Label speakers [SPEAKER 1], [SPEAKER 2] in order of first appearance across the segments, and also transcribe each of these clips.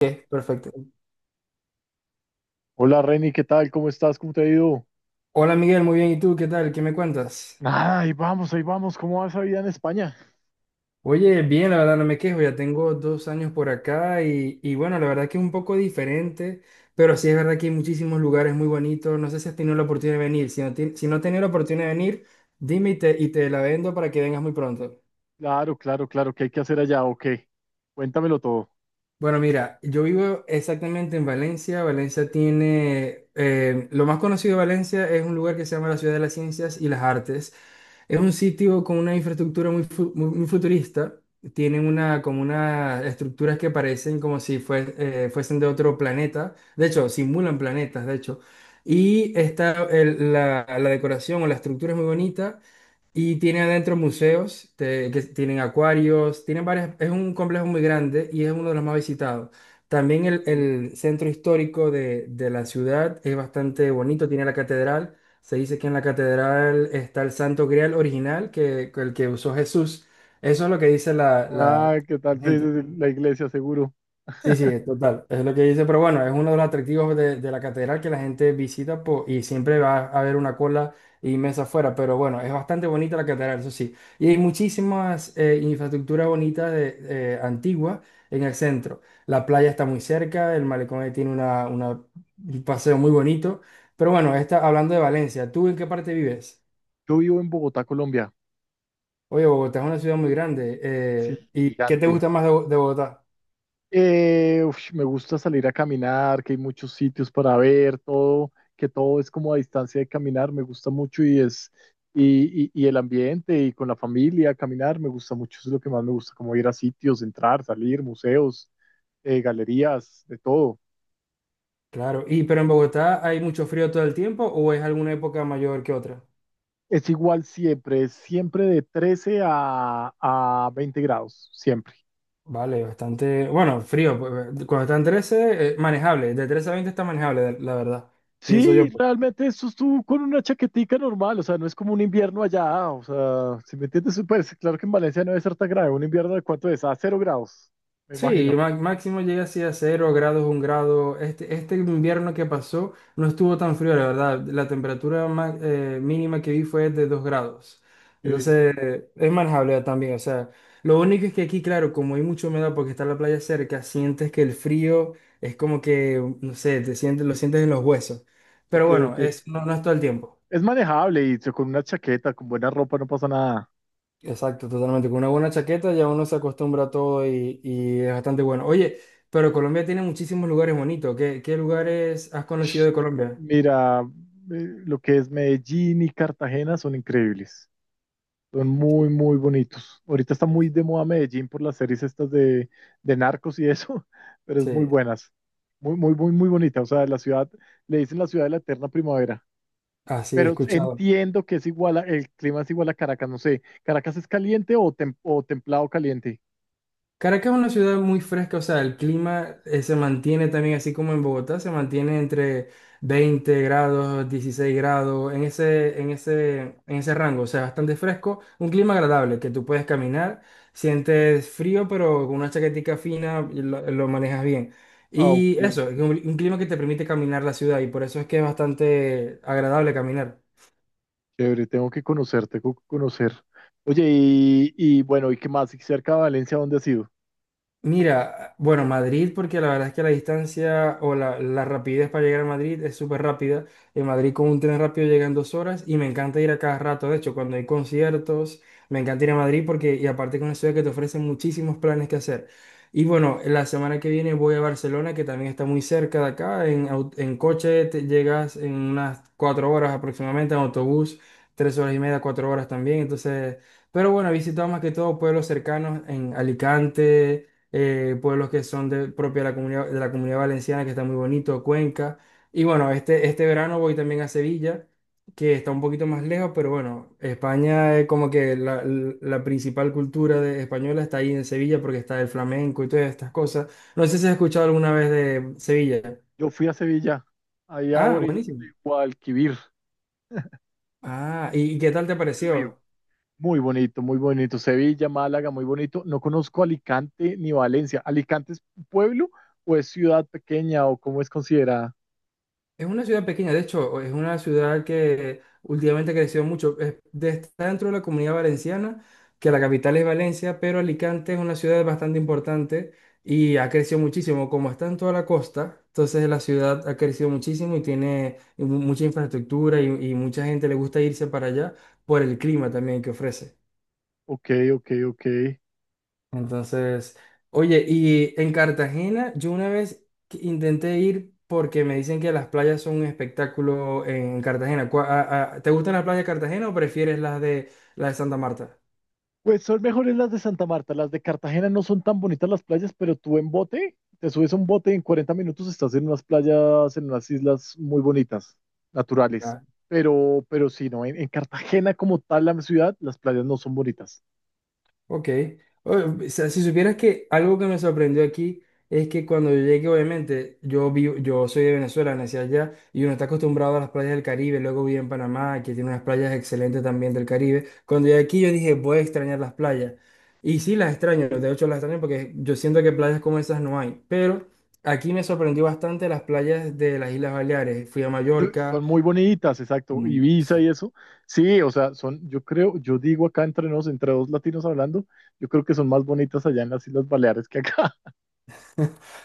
[SPEAKER 1] Ok, perfecto.
[SPEAKER 2] Hola Reni, ¿qué tal? ¿Cómo estás? ¿Cómo te ha ido?
[SPEAKER 1] Hola Miguel, muy bien. ¿Y tú qué tal? ¿Qué me cuentas?
[SPEAKER 2] Ah, ahí vamos, ahí vamos. ¿Cómo va esa vida en España?
[SPEAKER 1] Oye, bien, la verdad no me quejo. Ya tengo 2 años por acá y bueno, la verdad que es un poco diferente, pero sí es verdad que hay muchísimos lugares muy bonitos. No sé si has tenido la oportunidad de venir. Si no, si no has tenido la oportunidad de venir, dime y te la vendo para que vengas muy pronto.
[SPEAKER 2] Claro, claro, claro. ¿Qué hay que hacer allá? Ok. Cuéntamelo todo.
[SPEAKER 1] Bueno, mira, yo vivo exactamente en Valencia. Valencia tiene, lo más conocido de Valencia es un lugar que se llama la Ciudad de las Ciencias y las Artes. Es un sitio con una infraestructura muy futurista. Tienen una, como unas estructuras que parecen como si fuesen de otro planeta. De hecho, simulan planetas, de hecho. Y está la decoración o la estructura es muy bonita. Y tiene adentro museos, que tienen acuarios, tienen varias, es un complejo muy grande y es uno de los más visitados. También
[SPEAKER 2] Sí.
[SPEAKER 1] el centro histórico de la ciudad es bastante bonito, tiene la catedral. Se dice que en la catedral está el Santo Grial original, que el que usó Jesús. Eso es lo que dice
[SPEAKER 2] Ah,
[SPEAKER 1] la
[SPEAKER 2] ¿qué tal? Sí,
[SPEAKER 1] gente.
[SPEAKER 2] sí, sí, la iglesia, seguro.
[SPEAKER 1] Sí, sí, total, es lo que dice, pero bueno, es uno de los atractivos de la catedral que la gente visita y siempre va a haber una cola inmensa afuera, pero bueno, es bastante bonita la catedral, eso sí, y hay muchísimas infraestructuras bonitas antiguas en el centro, la playa está muy cerca, el malecón ahí tiene un paseo muy bonito, pero bueno, está hablando de Valencia, ¿tú en qué parte vives?
[SPEAKER 2] Yo vivo en Bogotá, Colombia.
[SPEAKER 1] Oye, Bogotá es una ciudad muy grande,
[SPEAKER 2] Sí,
[SPEAKER 1] ¿y qué te
[SPEAKER 2] gigante.
[SPEAKER 1] gusta más de de Bogotá?
[SPEAKER 2] Uf, me gusta salir a caminar, que hay muchos sitios para ver, todo, que todo es como a distancia de caminar. Me gusta mucho y es, y el ambiente y con la familia, caminar, me gusta mucho. Eso es lo que más me gusta, como ir a sitios, entrar, salir, museos, galerías, de todo.
[SPEAKER 1] Claro, y pero en Bogotá, ¿hay mucho frío todo el tiempo o es alguna época mayor que otra?
[SPEAKER 2] Es igual siempre, es siempre de 13 a 20 grados, siempre.
[SPEAKER 1] Vale, bastante, bueno, frío, pues, cuando están 13, manejable, de 13 a 20 está manejable, la verdad, pienso
[SPEAKER 2] Sí,
[SPEAKER 1] yo. Pues.
[SPEAKER 2] realmente eso estuvo con una chaquetica normal, o sea, no es como un invierno allá, o sea, si me entiendes, pues claro que en Valencia no debe ser tan grave, un invierno de cuánto es, a 0 grados, me
[SPEAKER 1] Sí,
[SPEAKER 2] imagino.
[SPEAKER 1] máximo llega así a 0 grados, 1 grado. Este invierno que pasó no estuvo tan frío, la verdad. La temperatura mínima que vi fue de 2 grados.
[SPEAKER 2] Sí,
[SPEAKER 1] Entonces, es manejable también. O sea, lo único es que aquí, claro, como hay mucha humedad porque está la playa cerca, sientes que el frío es como que, no sé, te sientes, lo sientes en los huesos.
[SPEAKER 2] ok,
[SPEAKER 1] Pero bueno, es,
[SPEAKER 2] ok.
[SPEAKER 1] no, no es todo el tiempo.
[SPEAKER 2] Es manejable y con una chaqueta, con buena ropa no pasa nada.
[SPEAKER 1] Exacto, totalmente. Con una buena chaqueta ya uno se acostumbra a todo y es bastante bueno. Oye, pero Colombia tiene muchísimos lugares bonitos. ¿Qué lugares has conocido de Colombia?
[SPEAKER 2] Mira, lo que es Medellín y Cartagena son increíbles. Son muy, muy bonitos. Ahorita está muy
[SPEAKER 1] Sí,
[SPEAKER 2] de moda Medellín por las series estas de narcos y eso, pero es muy
[SPEAKER 1] sí,
[SPEAKER 2] buenas. Muy, muy, muy, muy bonita. O sea, la ciudad, le dicen la ciudad de la eterna primavera.
[SPEAKER 1] así he
[SPEAKER 2] Pero
[SPEAKER 1] escuchado.
[SPEAKER 2] entiendo que es igual, el clima es igual a Caracas. No sé, ¿Caracas es caliente o, o templado caliente?
[SPEAKER 1] Caracas es una ciudad muy fresca, o sea, el clima se mantiene también así como en Bogotá, se mantiene entre 20 grados, 16 grados, en ese rango, o sea, bastante fresco, un clima agradable que tú puedes caminar, sientes frío, pero con una chaquetica fina y lo manejas bien.
[SPEAKER 2] Ah, ok,
[SPEAKER 1] Y eso, es un clima que te permite caminar la ciudad y por eso es que es bastante agradable caminar.
[SPEAKER 2] chévere, tengo que conocer, tengo que conocer. Oye, y bueno, ¿y qué más? ¿Y cerca de Valencia, dónde has ido?
[SPEAKER 1] Mira, bueno, Madrid, porque la verdad es que la distancia la rapidez para llegar a Madrid es súper rápida. En Madrid con un tren rápido llegan 2 horas y me encanta ir a cada rato. De hecho, cuando hay conciertos, me encanta ir a Madrid porque, y aparte con una ciudad que te ofrece muchísimos planes que hacer. Y bueno, la semana que viene voy a Barcelona, que también está muy cerca de acá. En coche te llegas en unas 4 horas aproximadamente, en autobús, 3 horas y media, 4 horas también. Entonces, pero bueno, he visitado más que todo pueblos cercanos en Alicante, pueblos que son propia de la comunidad valenciana, que está muy bonito, Cuenca. Y bueno, este verano voy también a Sevilla, que está un poquito más lejos, pero bueno, España es como que la principal cultura española está ahí en Sevilla porque está el flamenco y todas estas cosas. No sé si has escuchado alguna vez de Sevilla.
[SPEAKER 2] Yo fui a Sevilla, allá a
[SPEAKER 1] Ah,
[SPEAKER 2] orillas
[SPEAKER 1] buenísimo.
[SPEAKER 2] de Guadalquivir,
[SPEAKER 1] Ah, ¿y qué tal te
[SPEAKER 2] el río.
[SPEAKER 1] pareció?
[SPEAKER 2] Muy bonito, muy bonito. Sevilla, Málaga, muy bonito. No conozco Alicante ni Valencia. ¿Alicante es pueblo o es ciudad pequeña o cómo es considerada?
[SPEAKER 1] Es una ciudad pequeña, de hecho, es una ciudad que últimamente creció mucho. Está dentro de la comunidad valenciana, que la capital es Valencia, pero Alicante es una ciudad bastante importante y ha crecido muchísimo. Como está en toda la costa, entonces la ciudad ha crecido muchísimo y tiene mucha infraestructura y mucha gente le gusta irse para allá por el clima también que ofrece.
[SPEAKER 2] Ok, ok, ok.
[SPEAKER 1] Entonces, oye, y en Cartagena yo una vez que intenté ir porque me dicen que las playas son un espectáculo en Cartagena. ¿Te gustan las playas de Cartagena o prefieres las de Santa Marta?
[SPEAKER 2] Pues son mejores las de Santa Marta. Las de Cartagena no son tan bonitas las playas, pero tú en bote, te subes a un bote y en 40 minutos estás en unas playas, en unas islas muy bonitas, naturales. Pero sí, no, en Cartagena como tal la ciudad, las playas no son bonitas.
[SPEAKER 1] Ok. O o sea, si supieras que algo que me sorprendió aquí es que cuando yo llegué, obviamente, yo vivo, yo soy de Venezuela, nací allá, y uno está acostumbrado a las playas del Caribe, luego viví en Panamá, que tiene unas playas excelentes también del Caribe. Cuando llegué aquí yo dije, voy a extrañar las playas. Y sí las extraño, de hecho las extraño porque yo siento que playas como esas no hay. Pero aquí me sorprendió bastante las playas de las Islas Baleares. Fui a Mallorca.
[SPEAKER 2] Son muy bonitas, exacto.
[SPEAKER 1] Mm,
[SPEAKER 2] Ibiza y
[SPEAKER 1] sí.
[SPEAKER 2] eso. Sí, o sea, son, yo creo, yo digo acá entre nos, entre dos latinos hablando, yo creo que son más bonitas allá en las Islas Baleares que acá.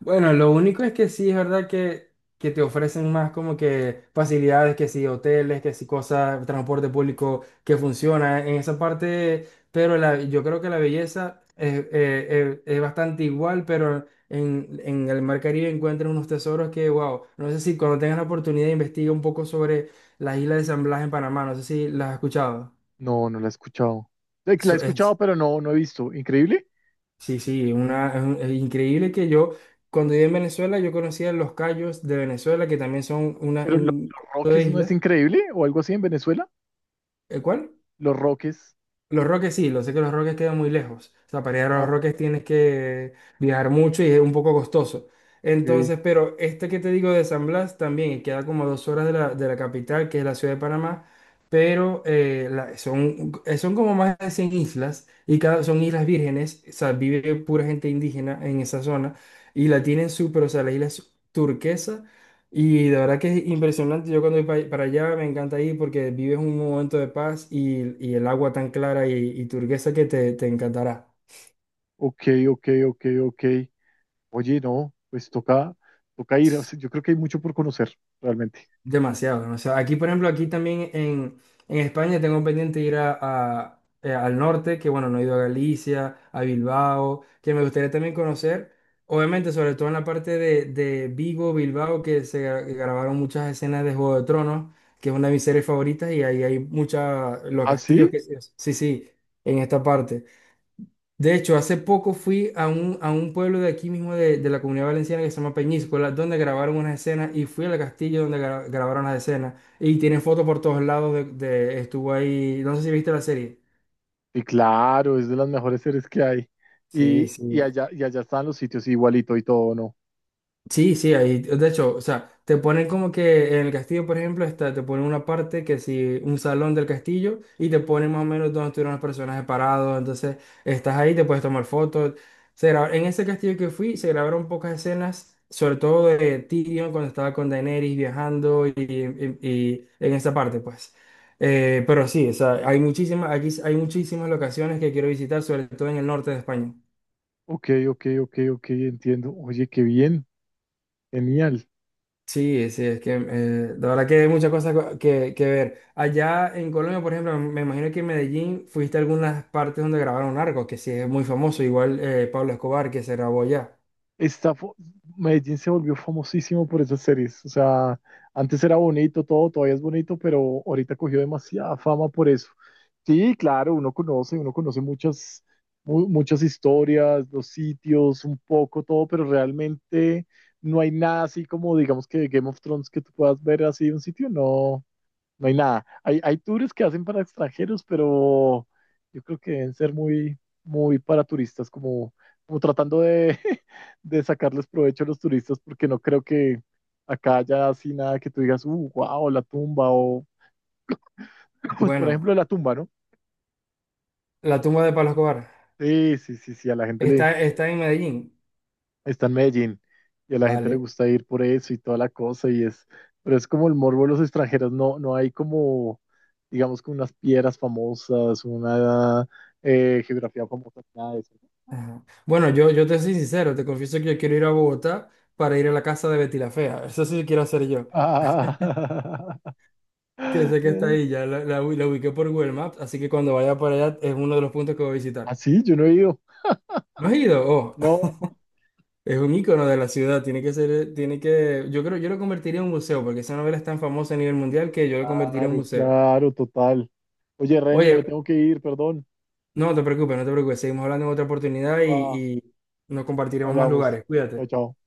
[SPEAKER 1] Bueno, lo único es que sí es verdad que te ofrecen más como que facilidades, que sí, hoteles, que sí, cosas, transporte público que funciona en esa parte, pero yo creo que la belleza es bastante igual, pero en el Mar Caribe encuentran unos tesoros que, wow, no sé si cuando tengas la oportunidad investiga un poco sobre la isla de San Blas en Panamá, no sé si las has escuchado.
[SPEAKER 2] No, no la he escuchado. La he
[SPEAKER 1] Eso
[SPEAKER 2] escuchado,
[SPEAKER 1] es.
[SPEAKER 2] pero no, no he visto. Increíble.
[SPEAKER 1] Sí, sí, es increíble que yo, cuando viví en Venezuela, yo conocía los cayos de Venezuela, que también son
[SPEAKER 2] Pero los
[SPEAKER 1] un conjunto de
[SPEAKER 2] Roques no es
[SPEAKER 1] islas.
[SPEAKER 2] increíble o algo así en Venezuela.
[SPEAKER 1] ¿El cuál?
[SPEAKER 2] Los Roques.
[SPEAKER 1] Los Roques sí, lo sé que los Roques quedan muy lejos. O sea, para ir a los
[SPEAKER 2] Ah,
[SPEAKER 1] Roques tienes que viajar mucho y es un poco costoso.
[SPEAKER 2] ok,
[SPEAKER 1] Entonces, pero este que te digo de San Blas también y queda como a 2 horas de la capital, que es la ciudad de Panamá, pero son como más de 100 islas y son islas vírgenes, o sea, vive pura gente indígena en esa zona y la tienen súper, o sea, la isla es turquesa y de verdad que es impresionante. Yo cuando voy para allá me encanta ir porque vives un momento de paz y el agua tan clara y turquesa que te encantará.
[SPEAKER 2] ok, ok, ok, ok. Oye, no, pues toca, toca ir. O sea, yo creo que hay mucho por conocer, realmente.
[SPEAKER 1] Demasiado, demasiado. Aquí, por ejemplo, aquí también en España tengo pendiente ir al norte, que bueno, no he ido a Galicia, a Bilbao, que me gustaría también conocer. Obviamente, sobre todo en la parte de Vigo, Bilbao, que se grabaron muchas escenas de Juego de Tronos, que es una de mis series favoritas, y ahí hay muchas, los
[SPEAKER 2] ¿Ah,
[SPEAKER 1] castillos
[SPEAKER 2] sí?
[SPEAKER 1] que... Sí, sí, en esta parte. De hecho, hace poco fui a un pueblo de aquí mismo de la Comunidad Valenciana que se llama Peñíscola, donde grabaron unas escenas y fui al castillo donde grabaron las escenas y tienen fotos por todos lados estuvo ahí, no sé si viste la serie.
[SPEAKER 2] Sí, claro, es de las mejores series que hay.
[SPEAKER 1] Sí,
[SPEAKER 2] Y
[SPEAKER 1] sí.
[SPEAKER 2] allá, y allá están los sitios igualito y todo, ¿no?
[SPEAKER 1] Sí, sí, ahí, de hecho, o sea, te ponen como que en el castillo, por ejemplo, está, te ponen una parte que si un salón del castillo y te ponen más o menos donde estuvieron los personajes parados, entonces estás ahí, te puedes tomar fotos. En ese castillo que fui se grabaron pocas escenas, sobre todo de Tyrion cuando estaba con Daenerys viajando y en esa parte, pues. Pero sí, o sea, hay muchísimas, aquí hay muchísimas locaciones que quiero visitar, sobre todo en el norte de España.
[SPEAKER 2] Ok, ok, ok, ok, entiendo. Oye, qué bien, genial.
[SPEAKER 1] Sí, sí, es que la verdad que hay muchas cosas que ver. Allá en Colombia, por ejemplo, me imagino que en Medellín fuiste a algunas partes donde grabaron Narcos, que sí es muy famoso, igual Pablo Escobar, que se grabó allá.
[SPEAKER 2] está, fo- Medellín se volvió famosísimo por esas series. O sea, antes era bonito todo, todavía es bonito, pero ahorita cogió demasiada fama por eso. Sí, claro, uno conoce muchas, muchas historias, los sitios, un poco todo, pero realmente no hay nada así como, digamos que Game of Thrones que tú puedas ver así un sitio, no, no hay nada. Hay tours que hacen para extranjeros, pero yo creo que deben ser muy, muy para turistas, como tratando de de sacarles provecho a los turistas porque no creo que acá haya así nada que tú digas, wow, la tumba o, pues por
[SPEAKER 1] Bueno,
[SPEAKER 2] ejemplo, la tumba, ¿no?
[SPEAKER 1] la tumba de Pablo Escobar
[SPEAKER 2] Sí, sí, sí, sí, a la gente le
[SPEAKER 1] está en Medellín.
[SPEAKER 2] está en Medellín y a la gente le
[SPEAKER 1] Vale.
[SPEAKER 2] gusta ir por eso y toda la cosa y es, pero es como el morbo de los extranjeros, no, no hay como, digamos, como unas piedras famosas, una geografía famosa, nada de eso.
[SPEAKER 1] Ajá. Bueno, yo te soy sincero, te confieso que yo quiero ir a Bogotá para ir a la casa de Betty la Fea. Eso sí quiero hacer yo,
[SPEAKER 2] Ah,
[SPEAKER 1] que sé que está ahí, ya la ubiqué por Google Maps, así que cuando vaya para allá es uno de los puntos que voy a visitar.
[SPEAKER 2] así, yo no he ido,
[SPEAKER 1] ¿No has ido? Oh.
[SPEAKER 2] no.
[SPEAKER 1] Es un icono de la ciudad, tiene que ser, tiene que, yo creo, yo lo convertiría en un museo, porque esa novela es tan famosa a nivel mundial que yo lo convertiría en un
[SPEAKER 2] Claro,
[SPEAKER 1] museo.
[SPEAKER 2] claro, total. Oye, Reni, me
[SPEAKER 1] Oye,
[SPEAKER 2] tengo que ir, perdón.
[SPEAKER 1] no te preocupes, no te preocupes, seguimos hablando en otra oportunidad
[SPEAKER 2] Va,
[SPEAKER 1] y nos compartiremos más
[SPEAKER 2] hablamos.
[SPEAKER 1] lugares.
[SPEAKER 2] Chao,
[SPEAKER 1] Cuídate.
[SPEAKER 2] chao.